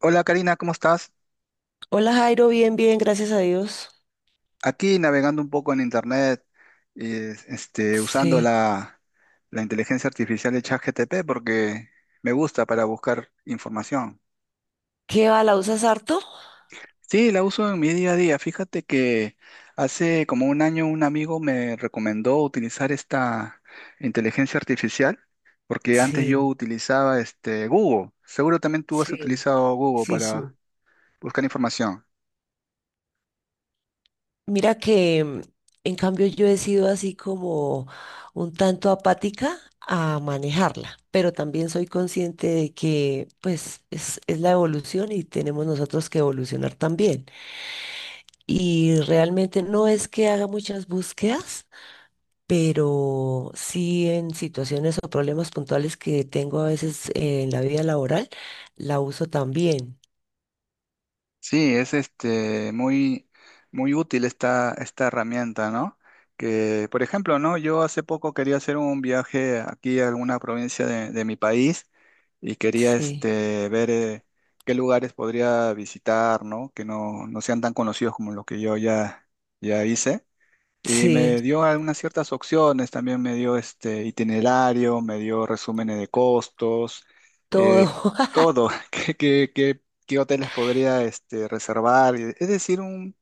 Hola Karina, ¿cómo estás? Hola Jairo, bien, bien, gracias a Dios. Aquí navegando un poco en internet, usando Sí. La inteligencia artificial de ChatGPT porque me gusta para buscar información. ¿Qué va? ¿La usas harto? Sí, la uso en mi día a día. Fíjate que hace como un año un amigo me recomendó utilizar esta inteligencia artificial porque antes yo Sí, utilizaba Google. Seguro también tú has sí, utilizado Google sí, para sí. buscar información. Mira que en cambio yo he sido así como un tanto apática a manejarla, pero también soy consciente de que pues es la evolución y tenemos nosotros que evolucionar también. Y realmente no es que haga muchas búsquedas, pero sí en situaciones o problemas puntuales que tengo a veces en la vida laboral, la uso también. Sí, es muy útil esta herramienta, ¿no? Que, por ejemplo, ¿no? Yo hace poco quería hacer un viaje aquí a alguna provincia de mi país y quería Sí, ver qué lugares podría visitar, ¿no? Que no sean tan conocidos como los que yo ya hice. Y sí, me dio algunas ciertas opciones, también me dio este itinerario, me dio resúmenes de costos, todo. eh, todo, qué hoteles podría reservar. Es decir,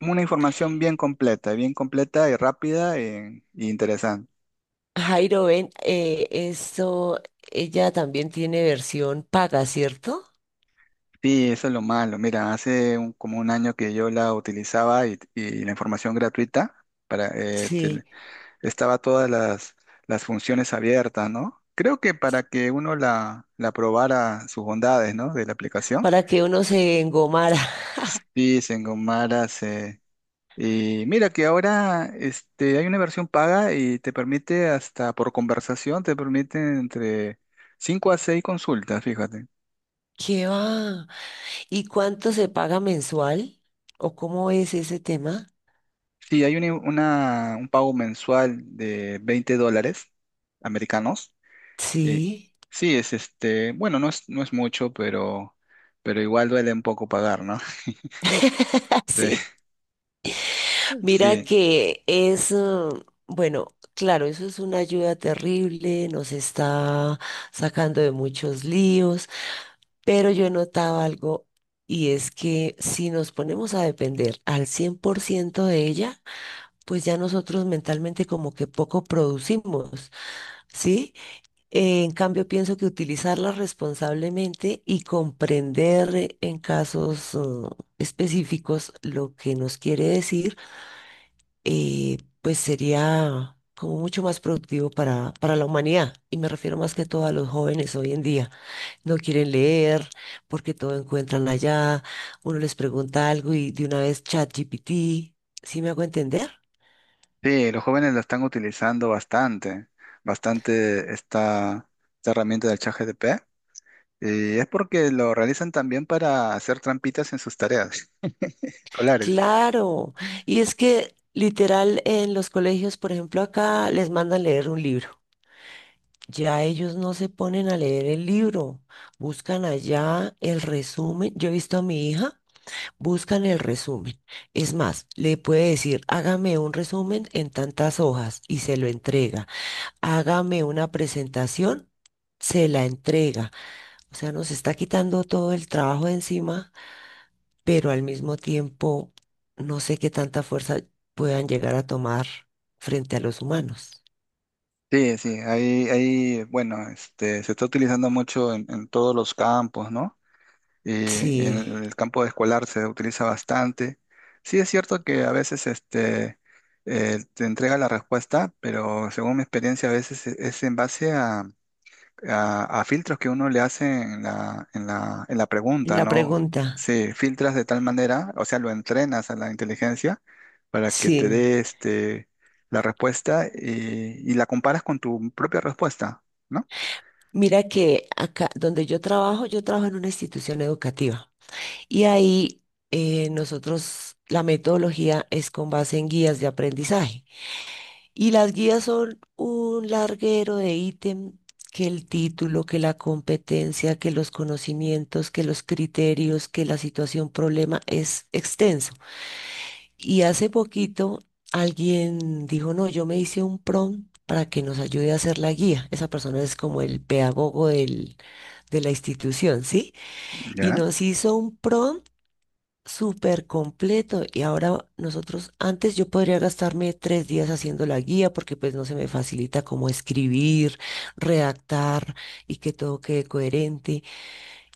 una información bien completa y rápida e interesante. Jairo, ven, eso, ella también tiene versión paga, ¿cierto? Sí, eso es lo malo. Mira, como un año que yo la utilizaba y la información gratuita para, Sí, estaba todas las funciones abiertas, ¿no? Creo que para que uno la probara sus bondades, ¿no? De la aplicación. para que uno se engomara. Y se engomara, se... Y mira que ahora hay una versión paga y te permite hasta por conversación, te permite entre 5 a 6 consultas, fíjate. ¿Qué va? ¿Y cuánto se paga mensual? ¿O cómo es ese tema? Sí, hay un pago mensual de 20 dólares americanos. eh, Sí, sí, es bueno, no es mucho, pero igual duele un poco pagar, ¿no? Sí, sí. Mira sí, que bueno, claro, eso es una ayuda terrible, nos está sacando de muchos líos, pero yo notaba algo y es que si nos ponemos a depender al 100% de ella, pues ya nosotros mentalmente como que poco producimos, ¿sí? En cambio, pienso que utilizarla responsablemente y comprender en casos, específicos lo que nos quiere decir, pues sería como mucho más productivo para la humanidad. Y me refiero más que todo a los jóvenes hoy en día. No quieren leer porque todo encuentran allá. Uno les pregunta algo y de una vez ChatGPT. ¿Sí me hago entender? sí, los jóvenes la están utilizando bastante, bastante esta, esta herramienta del ChatGPT y es porque lo realizan también para hacer trampitas en sus tareas escolares. Claro. Y es que literal en los colegios, por ejemplo, acá les mandan leer un libro. Ya ellos no se ponen a leer el libro, buscan allá el resumen. Yo he visto a mi hija. Buscan el resumen. Es más, le puede decir, hágame un resumen en tantas hojas y se lo entrega. Hágame una presentación, se la entrega. O sea, nos está quitando todo el trabajo de encima, pero al mismo tiempo no sé qué tanta fuerza puedan llegar a tomar frente a los humanos. Sí, ahí, bueno, se está utilizando mucho en todos los campos, ¿no? Y, y Sí, en el campo escolar se utiliza bastante. Sí, es cierto que a veces, te entrega la respuesta, pero según mi experiencia, a veces es en base a filtros que uno le hace en en la pregunta, la ¿no? pregunta. Sí, filtras de tal manera, o sea, lo entrenas a la inteligencia para que te Sí. dé la respuesta y la comparas con tu propia respuesta, ¿no? Mira que acá donde yo trabajo en una institución educativa. Y ahí nosotros, la metodología es con base en guías de aprendizaje. Y las guías son un larguero de ítem, que el título, que la competencia, que los conocimientos, que los criterios, que la situación problema es extenso. Y hace poquito alguien dijo, no, yo me hice un prompt para que nos ayude a hacer la guía. Esa persona es como de la institución, ¿sí? Y ¿Ya? nos hizo un prompt súper completo y ahora nosotros, antes yo podría gastarme tres días haciendo la guía porque pues no se me facilita como escribir, redactar y que todo quede coherente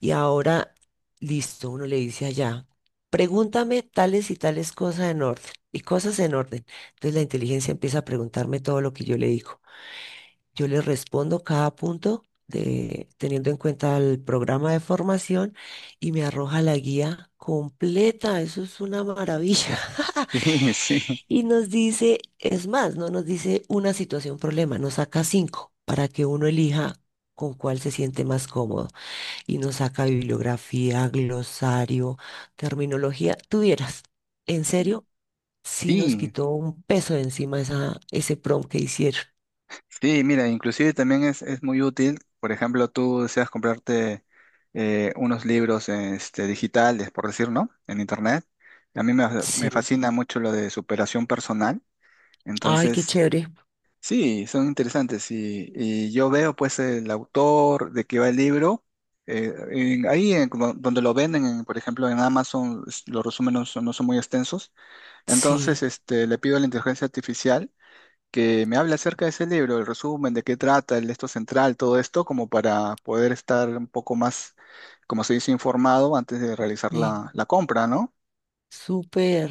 y ahora listo, uno le dice allá, pregúntame tales y tales cosas en orden y cosas en orden. Entonces la inteligencia empieza a preguntarme todo lo que yo le digo. Yo les respondo cada punto de, teniendo en cuenta el programa de formación y me arroja la guía completa. Eso es una maravilla. Sí, Y nos dice, es más, no nos dice una situación, problema, nos saca cinco para que uno elija con cuál se siente más cómodo. Y nos saca bibliografía, glosario, terminología. Tuvieras, en serio, sí nos sí, quitó un peso de encima esa, ese prompt que hicieron. sí, mira, inclusive también es muy útil, por ejemplo, tú deseas comprarte unos libros digitales, por decir, ¿no? En internet. A mí me Sí. fascina mucho lo de superación personal. Ay, qué Entonces, chévere. sí, son interesantes y yo veo pues el autor de qué va el libro, ahí en como donde lo venden, en, por ejemplo en Amazon, los resúmenes no son muy extensos, Sí. entonces le pido a la inteligencia artificial que me hable acerca de ese libro, el resumen, de qué trata, el esto central, todo esto, como para poder estar un poco más, como se dice, informado antes de realizar Sí, la compra, ¿no? súper.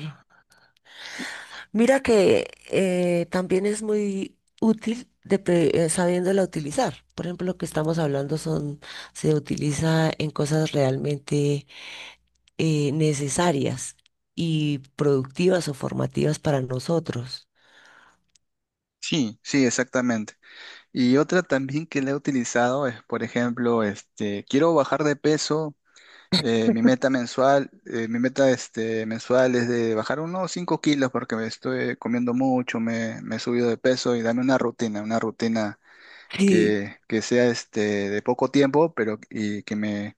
Y- Mira que también es muy útil de sabiéndola utilizar. Por ejemplo, lo que estamos hablando son, se utiliza en cosas realmente necesarias y productivas o formativas para nosotros. Sí, sí, exactamente. Y otra también que la he utilizado es, por ejemplo, quiero bajar de peso, mi meta mensual es de bajar unos 5 kilos porque me estoy comiendo mucho, me he subido de peso y dame una rutina Sí, que sea de poco tiempo, pero y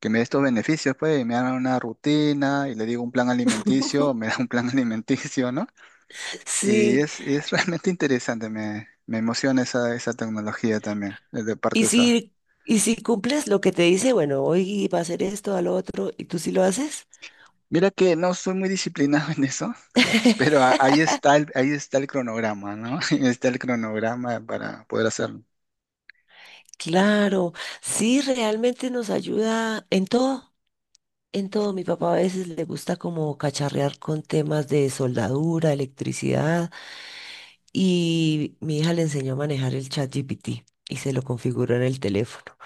que me dé estos beneficios, pues, y me hagan una rutina y le digo un plan alimenticio, me da un plan alimenticio, ¿no? Y sí. Y es realmente interesante, me emociona esa tecnología también, de parte Y de esa. si, y si cumples lo que te dice, bueno, hoy va a hacer esto, al otro, y tú sí lo haces. Mira que no soy muy disciplinado en eso, pero ahí está el cronograma, ¿no? Ahí está el cronograma para poder hacerlo. Claro, sí, realmente nos ayuda en todo. En todo, mi papá a veces le gusta como cacharrear con temas de soldadura, electricidad, y mi hija le enseñó a manejar el ChatGPT y se lo configuró en el teléfono.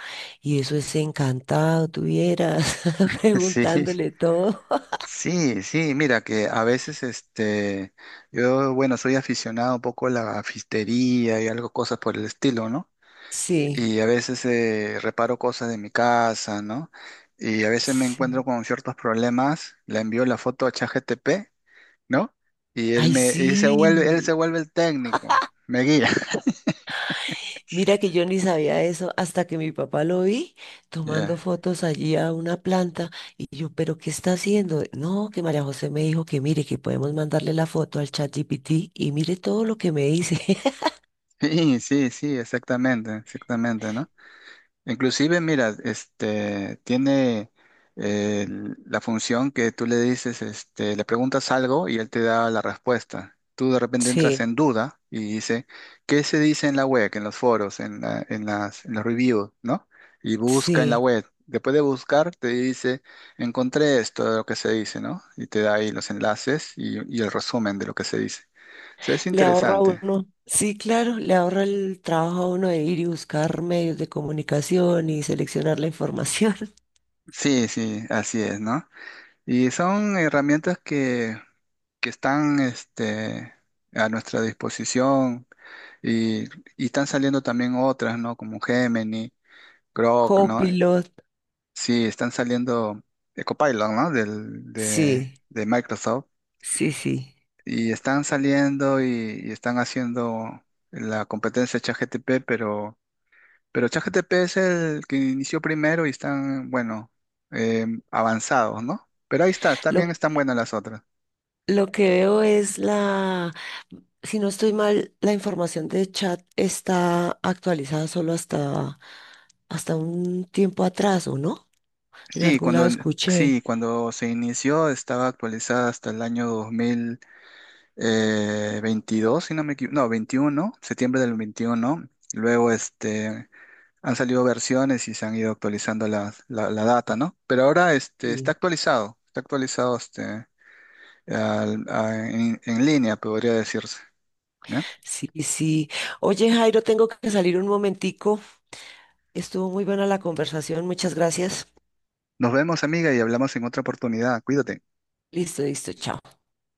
Y eso es encantado, tuvieras Sí, preguntándole todo. sí, sí, mira que a veces yo, bueno, soy aficionado un poco a la fistería y algo, cosas por el estilo, ¿no? Sí, Y a veces reparo cosas de mi casa, ¿no? Y a veces me sí. encuentro con ciertos problemas, le envío la foto a ChatGPT, ¿no? Y él Ay, me y se sí. vuelve, él se vuelve el técnico, me guía. Mira que yo ni sabía eso hasta que mi papá lo vi tomando Ya. fotos allí a una planta y yo, pero ¿qué está haciendo? No, que María José me dijo que mire, que podemos mandarle la foto al chat GPT y mire todo lo que me dice. Sí, sí, sí, exactamente, exactamente, ¿no? Inclusive, mira, este tiene eh, la función que tú le dices, le preguntas algo y él te da la respuesta. Tú de repente entras Sí, en duda y dice, ¿qué se dice en la web, en los foros, en la- en las, en los reviews, ¿no? Y busca en la sí, web. Después de buscar, te dice, encontré esto de lo que se dice, ¿no? Y te da ahí los enlaces y el resumen de lo que se dice. O sea, es le ahorra a interesante. uno. Sí, claro, le ahorra el trabajo a uno de ir y buscar medios de comunicación y seleccionar la información. Sí, sí, así es, ¿no? Y son herramientas que están a nuestra disposición y, y están saliendo también otras, ¿no? Como Gemini, Grok, ¿no? Copilot, Sí, están saliendo Copilot, ¿no? Sí, De Microsoft sí, sí. y están saliendo y están haciendo la competencia de ChatGPT, pero ChatGPT es el que inició primero y están, bueno, avanzados, ¿no? Pero ahí está, también Lo están buenas las otras. Lo que veo es la, si no estoy mal, la información de chat está actualizada solo hasta, hasta un tiempo atrás, ¿o no? En Sí, algún lado cuando, escuché. sí, cuando se inició estaba actualizada hasta el año 2022, si no me equivoco, no, 21, septiembre del 21. Luego han salido versiones y se han ido actualizando la data, ¿no? Pero ahora Sí. Está actualizado en línea, podría decirse. ¿Bien? Sí, sí. Oye, Jairo, tengo que salir un momentico. Estuvo muy buena la conversación. Muchas gracias. Nos vemos, amiga, y hablamos en otra oportunidad. Cuídate. Listo, listo, chao.